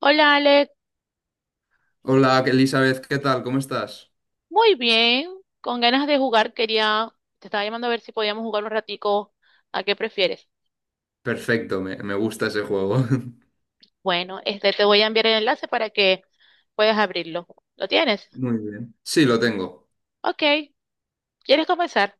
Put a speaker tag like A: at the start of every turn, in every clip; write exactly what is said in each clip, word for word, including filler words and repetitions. A: Hola Ale,
B: Hola Elizabeth, ¿qué tal? ¿Cómo estás?
A: muy bien, con ganas de jugar quería, te estaba llamando a ver si podíamos jugar un ratico, ¿a qué prefieres?
B: Perfecto, me, me gusta ese juego.
A: Bueno, este te voy a enviar el enlace para que puedas abrirlo. ¿Lo tienes?
B: Muy bien. Sí, lo tengo.
A: Ok, ¿quieres comenzar?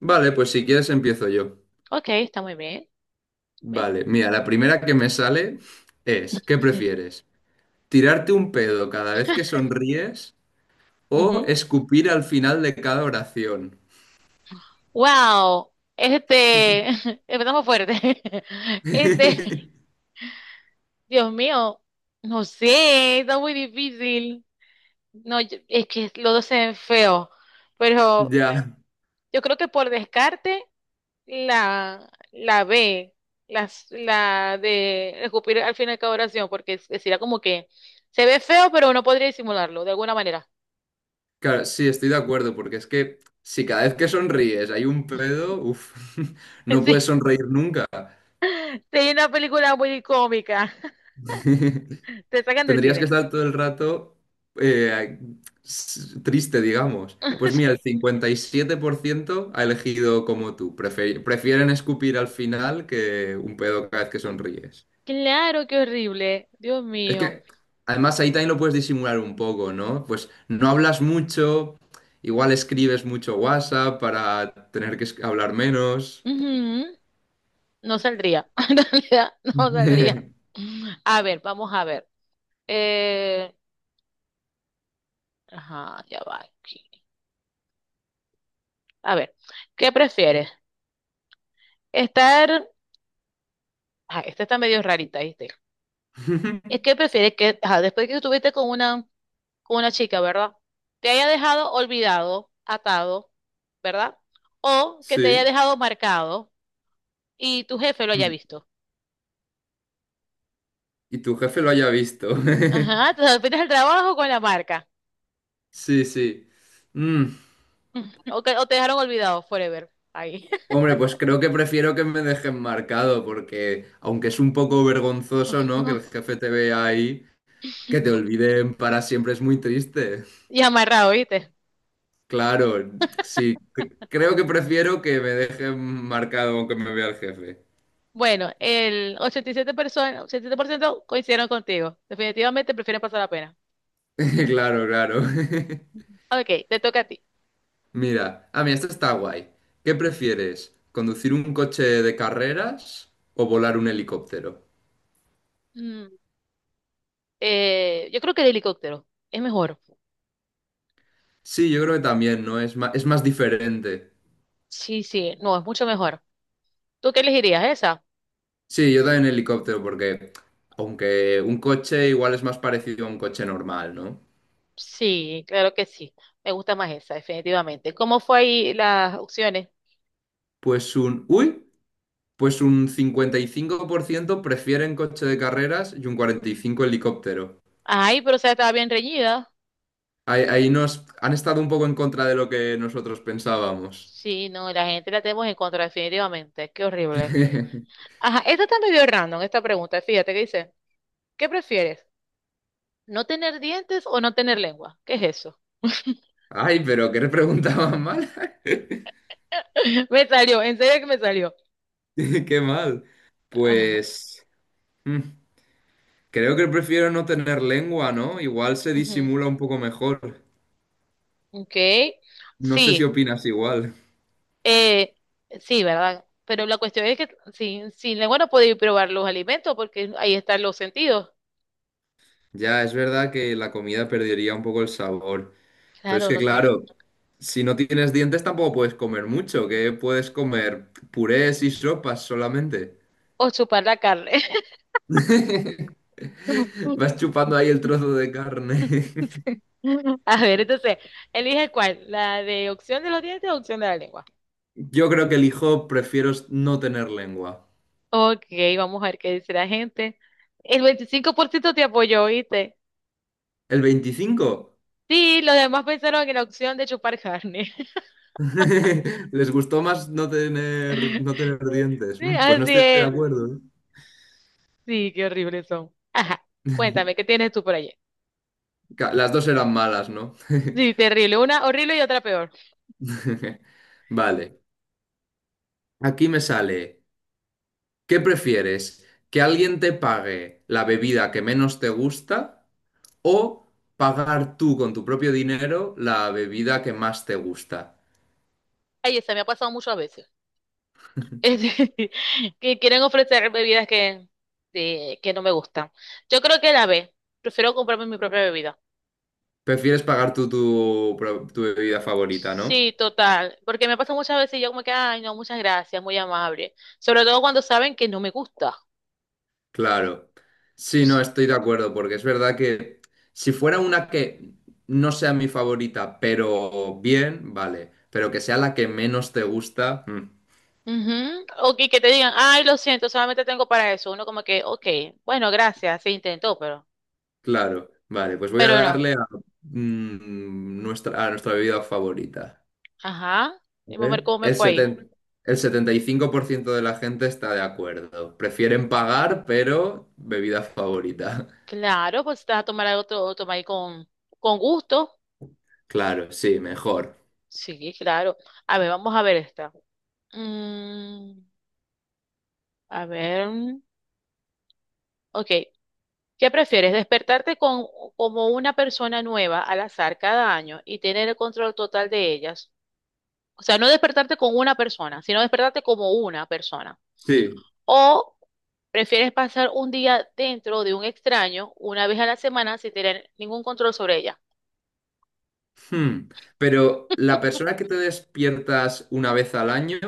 B: Vale, pues si quieres empiezo yo.
A: Ok, está muy bien. Bien.
B: Vale, mira, la primera que me sale es, ¿qué prefieres? ¿Tirarte un pedo cada vez que sonríes o
A: Ujú.
B: escupir al final de cada oración?
A: Wow, este, empezamos fuerte. Este, Dios mío, no sé, está muy difícil. No, yo- es que los dos se ven feos, pero
B: Ya,
A: yo creo que por descarte, La, la B, las, la de escupir al final de cada oración, porque es- sería como que se ve feo, pero uno podría disimularlo de alguna manera.
B: claro, sí, estoy de acuerdo, porque es que si cada vez que sonríes hay un pedo, uff, no
A: Sí,
B: puedes sonreír nunca.
A: sería una película muy cómica. Te sacan del
B: Tendrías que
A: cine.
B: estar todo el rato eh, s- triste, digamos. Pues mira, el cincuenta y siete por ciento ha elegido como tú. Prefe- prefieren escupir al final que un pedo cada vez que
A: Sí.
B: sonríes.
A: Claro, qué horrible. Dios
B: Es
A: mío.
B: que, además, ahí también lo puedes disimular un poco, ¿no? Pues no hablas mucho, igual escribes mucho WhatsApp para tener que es- hablar menos.
A: Ujú. No saldría. En realidad, no saldría. A ver, vamos a ver. Eh, ajá, ya va aquí. A ver, ¿qué prefieres? Estar. Ah, esta está medio rarita, ¿viste? Es que prefieres que, ajá, después que estuviste con una, con una chica, ¿verdad? Te haya dejado olvidado, atado, ¿verdad? O que te haya
B: Sí.
A: dejado marcado y tu jefe lo haya visto.
B: Y tu jefe lo haya visto.
A: Ajá, te despides el trabajo con la marca.
B: Sí, sí. Mm.
A: O, que, o te dejaron olvidado, forever. Ahí.
B: Hombre, pues creo que prefiero que me dejen marcado, porque aunque es un poco vergonzoso, ¿no? Que el jefe te vea ahí, que te olviden para siempre es muy triste.
A: Y amarrado, ¿viste?
B: Claro, sí, c- creo que prefiero que me dejen marcado aunque me vea el jefe.
A: Bueno, el ochenta y siete personas, ochenta y siete por ciento coincidieron contigo. Definitivamente prefieren pasar la pena.
B: Claro, claro.
A: Ok, te toca a ti.
B: Mira, ah, mira, esto está guay. ¿Qué prefieres? ¿Conducir un coche de carreras o volar un helicóptero?
A: Mm, eh, yo creo que el helicóptero es mejor.
B: Sí, yo creo que también, ¿no? Es más, es más diferente.
A: Sí, sí, no, es mucho mejor. ¿Tú qué elegirías esa?
B: Sí, yo también helicóptero, porque aunque un coche igual es más parecido a un coche normal, ¿no?
A: Sí, claro que sí. Me gusta más esa, definitivamente. ¿Cómo fue ahí las opciones?
B: Pues un, uy, pues un cincuenta y cinco por ciento prefieren coche de carreras y un cuarenta y cinco por ciento helicóptero.
A: Ay, pero o sea, estaba bien reñida.
B: Ahí, ahí nos han estado un poco en contra de lo que nosotros pensábamos.
A: Sí, no, la gente la tenemos en contra, definitivamente. Qué horrible. Ajá, esta está medio random, esta pregunta. Fíjate que dice, ¿qué prefieres? ¿No tener dientes o no tener lengua? ¿Qué es eso?
B: Ay, pero ¿qué le preguntaban mal?
A: Me salió, en serio que me salió.
B: Qué mal.
A: Ajá.
B: Pues mm, creo que prefiero no tener lengua, ¿no? Igual se
A: Ujú.
B: disimula un poco mejor.
A: Ok.
B: No sé si
A: Sí.
B: opinas igual.
A: Eh, sí, ¿verdad? Pero la cuestión es que sin, sin lengua no podéis probar los alimentos porque ahí están los sentidos.
B: Ya, es verdad que la comida perdería un poco el sabor, pero es
A: Claro,
B: que
A: no te...
B: claro, si no tienes dientes tampoco puedes comer mucho, que puedes comer purés y sopas solamente.
A: O chupar la carne.
B: Vas chupando ahí el trozo de carne.
A: A ver, entonces, elige cuál, la de opción de los dientes o opción de la lengua.
B: Yo creo que elijo, prefiero no tener lengua.
A: Ok, vamos a ver qué dice la gente. El veinticinco por ciento te apoyó, ¿viste?
B: ¿El veinticinco,
A: Sí, los demás pensaron en la opción de chupar carne.
B: ¿Les gustó más no tener, no tener dientes?
A: Sí,
B: Mm, pues no
A: así
B: estoy de
A: es.
B: acuerdo. ¿Eh?
A: Sí, qué horribles son. Ajá, cuéntame, ¿qué tienes tú por allí?
B: Ca- Las dos eran malas, ¿no?
A: Sí, terrible. Una horrible y otra peor.
B: Vale. Aquí me sale. ¿Qué prefieres? ¿Que alguien te pague la bebida que menos te gusta o pagar tú con tu propio dinero la bebida que más te gusta?
A: Ay, se me ha pasado muchas veces. Es decir, que quieren ofrecer bebidas que, de- que no me gustan. Yo creo que la B. Prefiero comprarme mi propia bebida.
B: Prefieres pagar tú tu, pro- tu bebida favorita, ¿no?
A: Sí, total. Porque me pasa muchas veces y yo como que, ay, no, muchas gracias, muy amable. Sobre todo cuando saben que no me gusta.
B: Claro. Sí, no, estoy de acuerdo, porque es verdad que si fuera una que no sea mi favorita, pero bien, vale, pero que sea la que menos te gusta, mm,
A: Ujú. O que, que te digan, ay, lo siento, solamente tengo para eso. Uno como que, ok, bueno, gracias, se intentó, pero,
B: claro, vale, pues voy a
A: pero no.
B: darle a, mm, nuestra, a nuestra bebida favorita.
A: Ajá.
B: A
A: Y vamos a ver
B: ver,
A: cómo me
B: el
A: fue ahí.
B: seten- el setenta y cinco por ciento de la gente está de acuerdo. Prefieren pagar, pero bebida favorita.
A: Claro, pues te vas a tomar algo, te lo tomas ahí con, con gusto.
B: Claro, sí, mejor.
A: Sí, claro. A ver, vamos a ver esta. Mm, a ver. mm, Ok. ¿Qué prefieres? ¿Despertarte con, como una persona nueva al azar cada año y tener el control total de ellas? O sea, no despertarte con una persona, sino despertarte como una persona.
B: Sí.
A: ¿O prefieres pasar un día dentro de un extraño una vez a la semana sin tener ningún control sobre ella?
B: Hmm. Pero ¿la persona que te despiertas una vez al año,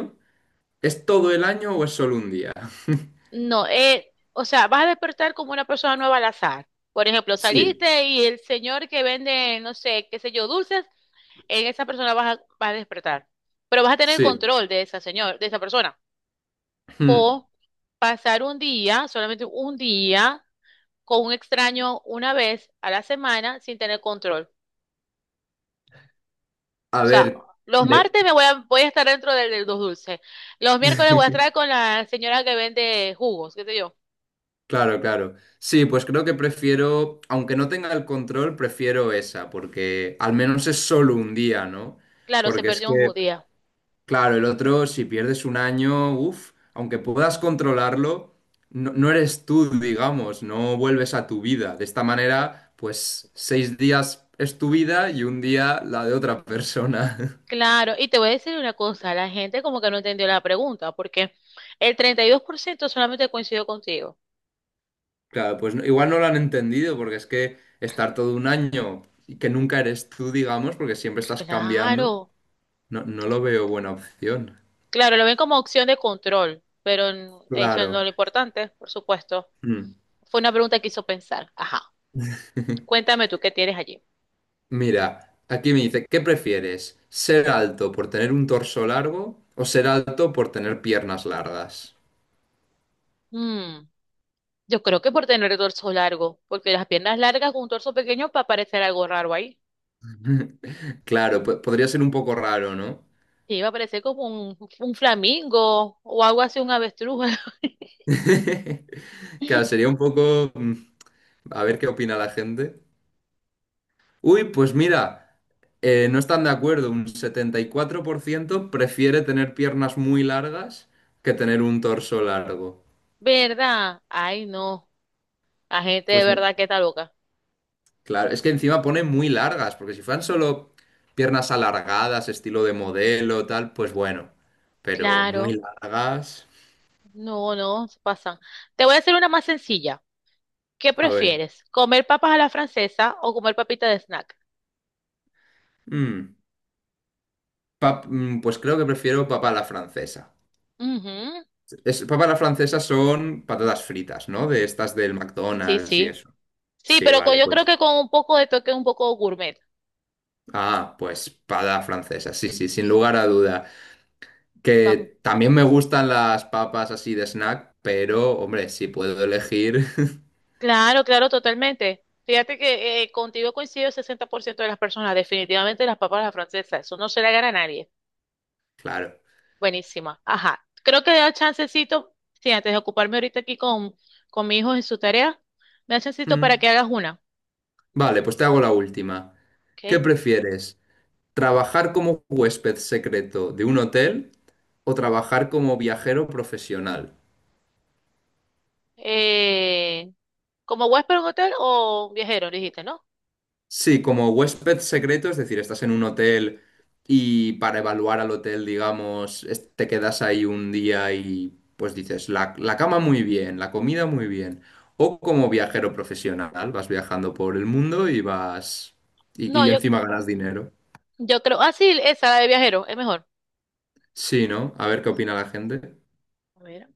B: es todo el año o es solo un día?
A: No, eh, o sea, vas a despertar como una persona nueva al azar. Por ejemplo,
B: Sí,
A: saliste y el señor que vende, no sé, qué sé yo, dulces, en esa persona vas a, vas a despertar. Pero vas a tener
B: sí.
A: control de esa señor, de esa persona.
B: Hmm.
A: O pasar un día, solamente un día, con un extraño una vez a la semana sin tener control. O
B: A
A: sea,
B: ver,
A: los
B: de-
A: martes me voy a, voy a estar dentro del, de los dulces. Los miércoles voy a estar con la señora que vende jugos, qué sé yo.
B: Claro, claro. Sí, pues creo que prefiero, aunque no tenga el control, prefiero esa, porque al menos es solo un día, ¿no?
A: Claro, se
B: Porque es
A: perdió un
B: que
A: judío.
B: claro, el otro, si pierdes un año, uff, aunque puedas controlarlo, no, no eres tú, digamos, no vuelves a tu vida. De esta manera, pues seis días es tu vida y un día la de otra persona.
A: Claro, y te voy a decir una cosa, la gente como que no entendió la pregunta, porque el treinta y dos por ciento solamente coincidió contigo.
B: Claro, pues no- igual no lo han entendido, porque es que estar todo un año y que nunca eres tú, digamos, porque siempre estás cambiando,
A: Claro,
B: no, no lo veo buena opción.
A: claro, lo ven como opción de control, pero n- eso no es
B: Claro.
A: lo importante, por supuesto.
B: Mm.
A: Fue una pregunta que hizo pensar. Ajá, cuéntame tú qué tienes allí.
B: Mira, aquí me dice, ¿qué prefieres? ¿Ser alto por tener un torso largo o ser alto por tener piernas largas?
A: Mm, yo creo que por tener el torso largo, porque las piernas largas con un torso pequeño va a parecer algo raro ahí.
B: Claro, po- podría ser un poco raro, ¿no?
A: Sí, va a parecer como un, un flamingo o algo así, un avestruz.
B: Claro, sería un poco... mm, a ver qué opina la gente. Uy, pues mira, eh, no están de acuerdo. Un setenta y cuatro por ciento prefiere tener piernas muy largas que tener un torso largo.
A: ¿Verdad? Ay, no. La gente de
B: Pues
A: verdad que está loca.
B: claro, es que encima pone muy largas, porque si fueran solo piernas alargadas, estilo de modelo, tal, pues bueno. Pero muy
A: Claro,
B: largas.
A: no, no, se pasan. Te voy a hacer una más sencilla. ¿Qué
B: A ver.
A: prefieres? ¿Comer papas a la francesa o comer papitas de snack?
B: Mm, pap- mm, pues creo que prefiero papa a la francesa.
A: Ujú.
B: Es, papa a la francesa son patatas fritas, ¿no? De estas del
A: Sí,
B: McDonald's y
A: sí.
B: eso.
A: Sí,
B: Sí,
A: pero con-
B: vale,
A: yo creo
B: pues.
A: que con un poco de toque, un poco gourmet.
B: Ah, pues papa francesa, sí, sí, sin lugar a duda.
A: Vamos.
B: Que también me gustan las papas así de snack, pero hombre, si puedo elegir,
A: Claro, claro, totalmente. Fíjate que eh, contigo coincido el sesenta por ciento de las personas. Definitivamente las papas a la francesa. Eso no se le gana a nadie.
B: claro.
A: Buenísimo. Ajá. Creo que da chancecito, sí, antes de ocuparme ahorita aquí con, con mi hijo en su tarea, me da chancecito para
B: Mm.
A: que hagas una.
B: Vale, pues te hago la última.
A: ¿Ok?
B: ¿Qué prefieres? ¿Trabajar como huésped secreto de un hotel o trabajar como viajero profesional?
A: Eh, ¿como huésped en un hotel o viajero, dijiste, no?
B: Sí, como huésped secreto, es decir, estás en un hotel y para evaluar al hotel, digamos, es- te quedas ahí un día y pues dices, la, la cama muy bien, la comida muy bien. O como viajero profesional, vas viajando por el mundo y vas... y
A: No,
B: y
A: yo,
B: encima ganas dinero.
A: yo creo. Ah, sí, esa, la de viajero, es mejor.
B: Sí, ¿no? A ver qué opina la gente.
A: A ver,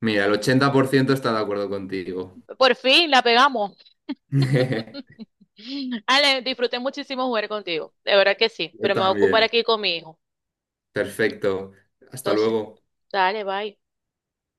B: Mira, el ochenta por ciento está de acuerdo contigo.
A: por fin la pegamos. Ale, disfruté muchísimo jugar contigo. De verdad que sí,
B: Yo
A: pero me voy a ocupar
B: también.
A: aquí con mi hijo.
B: Perfecto. Hasta
A: Entonces,
B: luego.
A: dale, bye.